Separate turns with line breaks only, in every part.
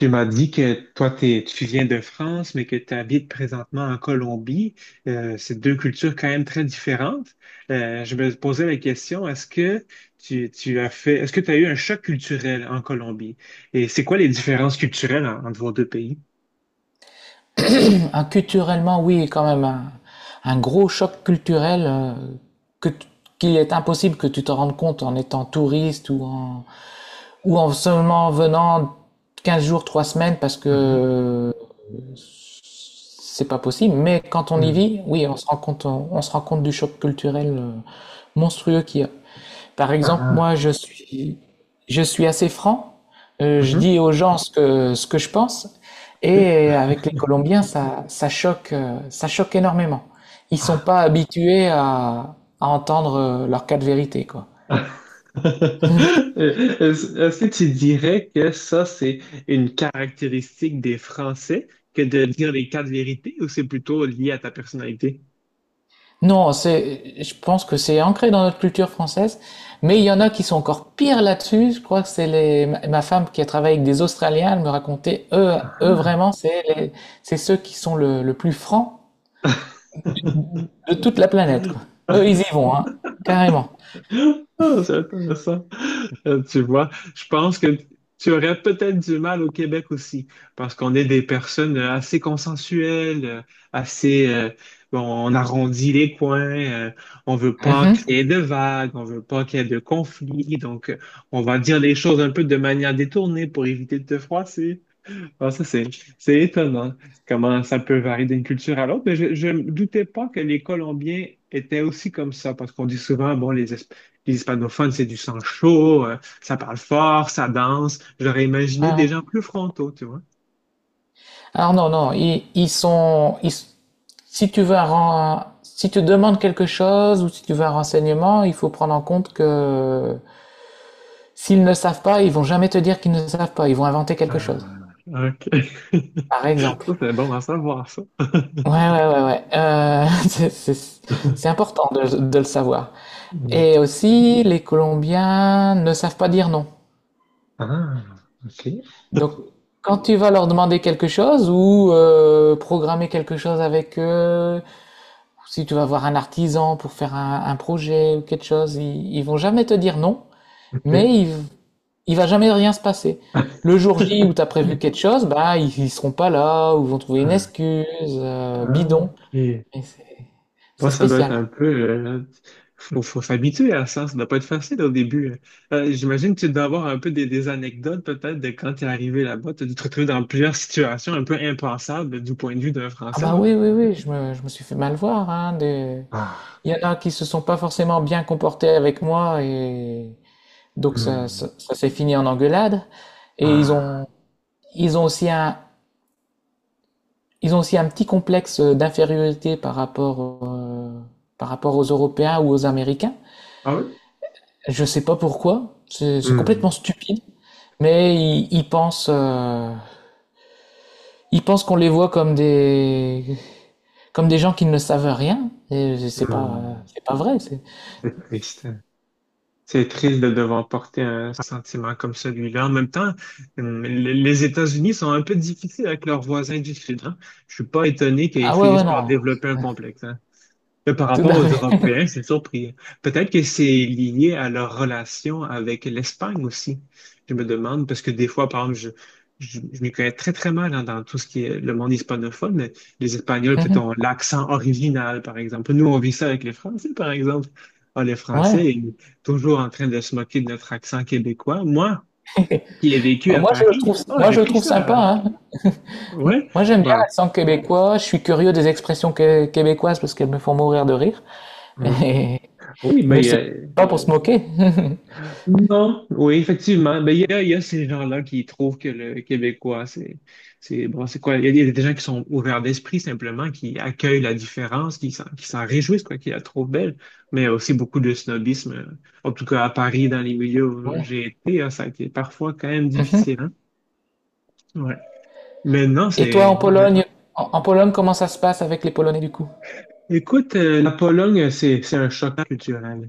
Tu m'as dit que toi, tu viens de France, mais que tu habites présentement en Colombie. C'est deux cultures quand même très différentes. Je me posais la question, est-ce que tu as fait, est-ce que tu as eu un choc culturel en Colombie? Et c'est quoi les différences culturelles entre vos deux pays?
Ah, culturellement, oui, quand même, un gros choc culturel que t- qu'il est impossible que tu te rendes compte en étant touriste ou en seulement venant 15 jours, 3 semaines parce
Mhm.
que c'est pas possible, mais quand on y
Mm.
vit, oui, on se rend compte, on se rend compte du choc culturel monstrueux qu'il y a. Par
Ah,
exemple, moi,
ah.
je suis assez franc. Je
Mhm.
dis aux gens ce que je pense.
Oui.
Et avec les Colombiens, ça, ça choque énormément. Ils sont pas habitués à entendre leur cas de vérité, quoi.
Est-ce que tu dirais que ça, c'est une caractéristique des Français que de dire les quatre vérités ou c'est plutôt lié à ta personnalité?
Non, c'est, je pense que c'est ancré dans notre culture française, mais il y en a qui sont encore pires là-dessus. Je crois que c'est les, ma femme qui a travaillé avec des Australiens, elle me racontait, eux
Ah.
vraiment, c'est ceux qui sont le plus francs de toute la planète, quoi. Eux, ils y vont, hein, carrément.
Ah, c'est intéressant. Tu vois, je pense que tu aurais peut-être du mal au Québec aussi, parce qu'on est des personnes assez consensuelles, assez, bon, on arrondit les coins, on veut pas
Mhm.
créer de vagues, on veut pas qu'il y ait de conflits, donc on va dire les choses un peu de manière détournée pour éviter de te froisser. Ah, c'est étonnant comment ça peut varier d'une culture à l'autre. Mais je me doutais pas que les Colombiens étaient aussi comme ça, parce qu'on dit souvent, bon, les hispanophones, c'est du sang chaud, ça parle fort, ça danse. J'aurais
Ouais,
imaginé
ouais.
des gens plus frontaux, tu vois.
Alors non, non, si tu veux un, si tu demandes quelque chose ou si tu veux un renseignement, il faut prendre en compte que s'ils ne savent pas, ils vont jamais te dire qu'ils ne savent pas. Ils vont inventer quelque chose.
Ah, OK.
Par exemple.
Ça, c'est bon à savoir, ça.
Ouais, ouais, ouais, ouais. C'est important de le savoir. Et aussi, les Colombiens ne savent pas dire non.
Ah, OK.
Donc, quand tu vas leur demander quelque chose ou programmer quelque chose avec eux, si tu vas voir un artisan pour faire un projet ou quelque chose, ils vont jamais te dire non, mais
OK.
ils il va jamais rien se passer. Le jour J où t'as prévu quelque chose, bah ils, ils seront pas là, ou vont trouver une
Ah.
excuse,
Ah,
bidon.
ok.
Et
Bon,
c'est
ça doit être
spécial.
un peu... faut s'habituer à ça. Ça doit pas être facile au début. J'imagine que tu dois avoir un peu des anecdotes peut-être de quand tu es arrivé là-bas. Tu as dû te retrouver dans plusieurs situations un peu impensables du point de vue d'un
Ah
Français,
bah
non?
oui, oui, oui, je me suis fait mal voir, hein, de...
Ah.
Il y en a qui se sont pas forcément bien comportés avec moi, et donc
Hmm.
ça s'est fini en engueulade. Et
Ah.
ils ont aussi un, ils ont aussi un petit complexe d'infériorité par rapport aux Européens ou aux Américains.
Ah oui?
Je sais pas pourquoi, c'est complètement
Hmm,
stupide, mais ils pensent, ils pensent qu'on les voit comme des gens qui ne savent rien, et
hmm.
c'est pas vrai. C'est-
C'est triste. C'est triste de devoir porter un sentiment comme celui-là. En même temps, les États-Unis sont un peu difficiles avec leurs voisins du Sud, hein. Je suis pas étonné qu'ils
Ah ouais,
finissent
ouais,
par
non,
développer un complexe, hein. Mais par
tout
rapport
à
aux
fait.
Européens, c'est surpris. Peut-être que c'est lié à leur relation avec l'Espagne aussi. Je me demande, parce que des fois, par exemple, je m'y connais très mal hein, dans tout ce qui est le monde hispanophone, mais les Espagnols, peut-être, ont l'accent original, par exemple. Nous, on vit ça avec les Français, par exemple. Ah, les
Ouais.
Français, ils sont toujours en train de se moquer de notre accent québécois. Moi, qui ai vécu
Bah,
à Paris, ah,
moi,
j'ai
je le
pris
trouve
cher,
sympa,
hein.
hein.
Ouais,
Moi, j'aime bien
bah,
l'accent québécois, je suis curieux des expressions québécoises parce qu'elles me font mourir de rire,
ouais.
mais,
Oui,
mais
mais
c'est pas pour se moquer.
non, oui, effectivement. Ben, il y a ces gens-là qui trouvent que le Québécois, bon, c'est quoi? Il y a des gens qui sont ouverts d'esprit, simplement, qui accueillent la différence, qui s'en réjouissent, quoi, qui la trouvent belle. Mais il y a aussi beaucoup de snobisme. En tout cas, à Paris, dans les milieux où
Ouais.
j'ai été, hein, ça a été parfois quand même difficile, hein? Ouais. Mais non,
Et toi, en
c'est,
Pologne, en Pologne, comment ça se passe avec les Polonais du coup?
écoute, la Pologne, c'est un choc culturel.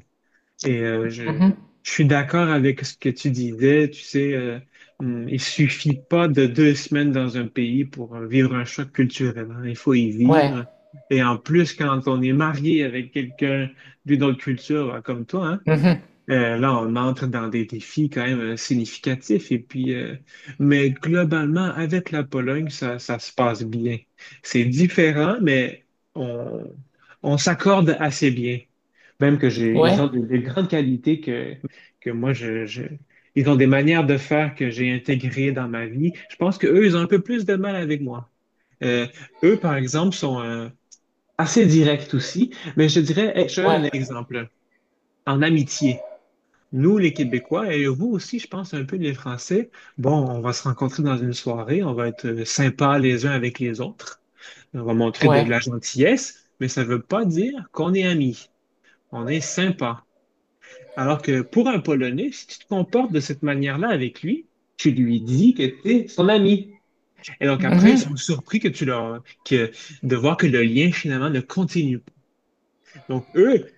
Et je suis d'accord avec ce que tu disais. Tu sais, il suffit pas de deux semaines dans un pays pour vivre un choc culturel, hein. Il faut y
Ouais.
vivre. Et en plus, quand on est marié avec quelqu'un d'une autre culture, hein, comme toi, hein,
Mhm.
là, on entre dans des défis quand même significatifs. Et puis, mais globalement, avec la Pologne, ça se passe bien. C'est différent, mais on, on s'accorde assez bien. Même que j'ai, ils
Ouais.
ont des grandes qualités que moi, ils ont des manières de faire que j'ai intégrées dans ma vie. Je pense qu'eux, ils ont un peu plus de mal avec moi. Euh, Eux, par exemple, sont assez directs aussi, mais je dirais, hey, je te
Ouais.
donne un exemple en amitié. Nous, les Québécois, et vous aussi, je pense un peu les Français, bon, on va se rencontrer dans une soirée, on va être sympas les uns avec les autres, on va montrer
Ouais.
de la gentillesse, mais ça ne veut pas dire qu'on est amis, on est sympa. Alors que pour un Polonais, si tu te comportes de cette manière-là avec lui, tu lui dis que tu es son ami. Et donc après, ils sont surpris que de voir que le lien finalement ne continue pas. Donc eux,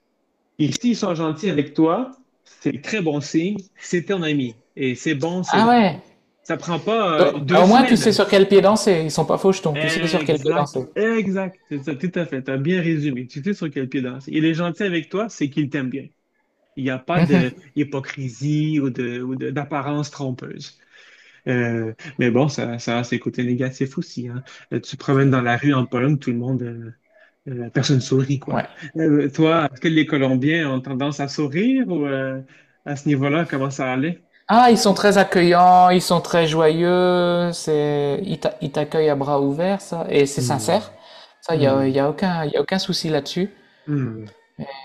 et s'ils sont gentils avec toi, c'est très bon signe, c'est ton ami. Et c'est bon,
Ah
c'est,
ouais.
ça prend pas
Donc, bah,
deux
au moins, tu sais
semaines.
sur quel pied danser. Ils sont pas fauchetons. Tu sais sur quel pied
Exact,
danser.
exact, c'est ça, tout à fait. T'as bien résumé. Tu sais sur quel pied danser. Il est gentil avec toi, c'est qu'il t'aime bien. Il n'y a pas de
Mhm.
hypocrisie ou d'apparence trompeuse. Euh, mais bon, ça a ses côtés négatifs aussi, hein. Tu te promènes dans la rue en Pologne, tout le monde, personne sourit, quoi.
Ouais.
Toi, est-ce que les Colombiens ont tendance à sourire ou à ce niveau-là, comment ça allait?
Ah, ils sont très accueillants. Ils sont très joyeux. C'est, ils t'accueillent à bras ouverts, ça. Et c'est sincère.
Hmm,
Ça,
hmm,
y a aucun souci là-dessus.
hmm.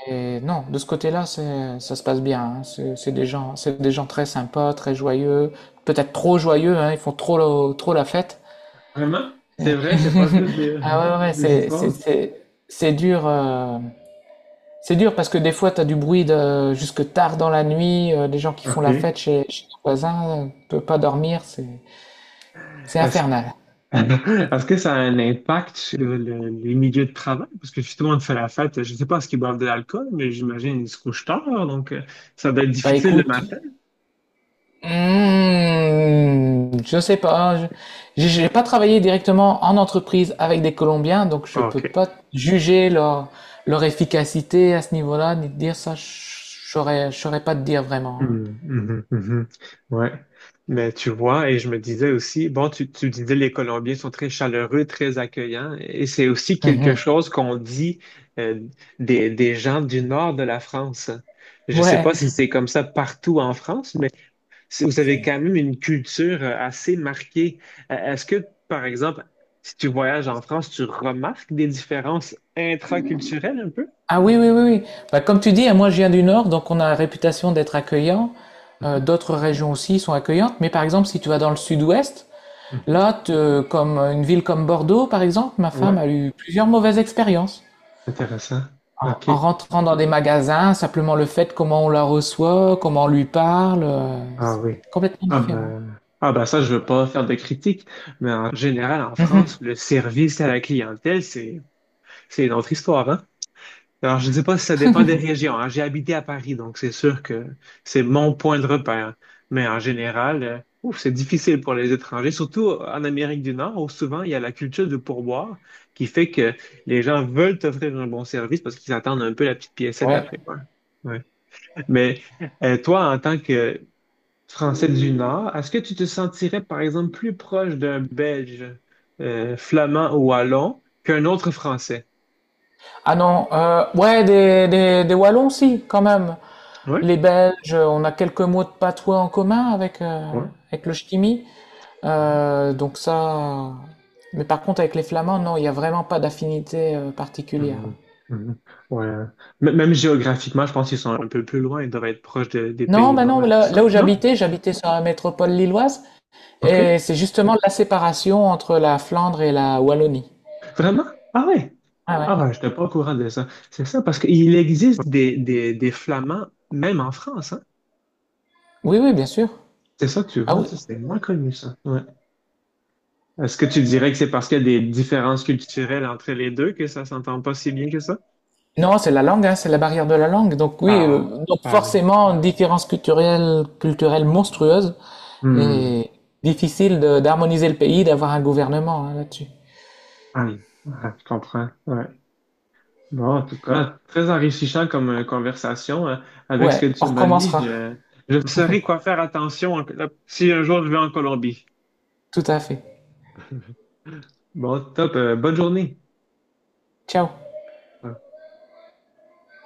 Et non, de ce côté-là, c'est, ça se passe bien. Hein. C'est des gens, c'est des gens très sympas, très joyeux. Peut-être trop joyeux. Hein. Ils font trop, trop la fête.
Vraiment? C'est vrai, c'est pas juste
Ah ouais, ouais, ouais,
des histoires?
c'est dur. C'est dur parce que des fois, t'as du bruit de, jusque tard dans la nuit, des gens qui font
OK.
la fête
Est-ce
chez les voisins, peut pas dormir, c'est infernal.
est-ce que ça a un impact sur les milieux de travail? Parce que justement, de fait la fête, je ne sais pas ce qu'ils boivent de l'alcool, mais j'imagine qu'ils se couchent tard, donc ça doit être
Bah
difficile le
écoute,
matin.
je sais pas, j'ai pas travaillé directement en entreprise avec des Colombiens, donc je peux
OK.
pas juger leur, leur efficacité à ce niveau-là, ni te dire ça, je saurais pas te dire vraiment. Hein.
Mhm, mhm, mhm. Ouais. Mais tu vois, et je me disais aussi, bon, tu disais les Colombiens sont très chaleureux, très accueillants, et c'est aussi quelque
Mhm.
chose qu'on dit euh, des gens du nord de la France. Je ne sais
Ouais.
pas si c'est comme ça partout en France, mais si vous avez quand même une culture assez marquée. Est-ce que, par exemple, si tu voyages en France, tu remarques des différences intraculturelles un peu?
Ah oui, oui, oui, oui. Bah, comme tu dis, hein, moi je viens du Nord, donc on a la réputation d'être accueillant.
Mhm,
D'autres régions aussi sont accueillantes, mais par exemple, si tu vas dans le Sud-Ouest,
mhm.
là, te- comme une ville comme Bordeaux, par exemple, ma
Ouais,
femme a eu plusieurs mauvaises expériences.
intéressant. OK.
En rentrant dans des magasins, simplement le fait comment on la reçoit, comment on lui parle,
Ah oui.
c'est complètement différent.
Ah ben ça, je veux pas faire de critiques, mais en général, en France,
Mhm.
le service à la clientèle, c'est une autre histoire, hein? Alors, je sais pas si ça dépend des régions, hein. J'ai habité à Paris, donc c'est sûr que c'est mon point de repère. Mais en général, ouf, c'est difficile pour les étrangers, surtout en Amérique du Nord, où souvent il y a la culture du pourboire qui fait que les gens veulent t'offrir un bon service parce qu'ils attendent un peu la petite piécette
Ouais.
après, quoi. Ouais. Mais toi, en tant que Français du Nord, est-ce que tu te sentirais, par exemple, plus proche d'un Belge flamand ou wallon qu'un autre Français?
Ah non, ouais, des Wallons, si, quand même.
Oui,
Les Belges, on a quelques mots de patois en commun avec,
oui.
avec le ch'timi. Donc ça... Mais par contre, avec les Flamands, non, il n'y a vraiment pas d'affinité particulière.
Mhm. Mhm. Ouais. Même géographiquement, je pense qu'ils sont un peu plus loin. Ils doivent être proches des
Non, bah
Pays-Bas
non,
et tout ça.
là où
Non?
j'habitais, j'habitais sur la métropole lilloise, et
OK.
c'est justement la séparation entre la Flandre et la Wallonie.
Vraiment? Ah ouais.
Ah ouais.
Ah ouais, je n'étais pas au courant de ça. C'est ça, parce qu'il existe des Flamands, même en France, hein.
Oui, oui, bien sûr.
C'est ça, tu
Ah
vois,
oui,
ça, c'est moins connu, ça. Ouais. Est-ce que tu dirais que c'est parce qu'il y a des différences culturelles entre les deux que ça s'entend pas si bien que ça?
non, c'est la langue, hein, c'est la barrière de la langue. Donc oui,
Ah,
donc
ah oui.
forcément, une différence culturelle, culturelle monstrueuse
Hmm.
et difficile de- d'harmoniser le pays, d'avoir un gouvernement hein, là-dessus.
Ah oui. Ah, je comprends. Ouais. Bon, en tout cas, très enrichissant comme conversation, hein. Avec ce
Ouais,
que tu
on
m'as dit,
recommencera.
je saurai quoi faire attention si un jour je vais en Colombie.
Tout à fait.
Bon, top. Bonne journée.
Ciao.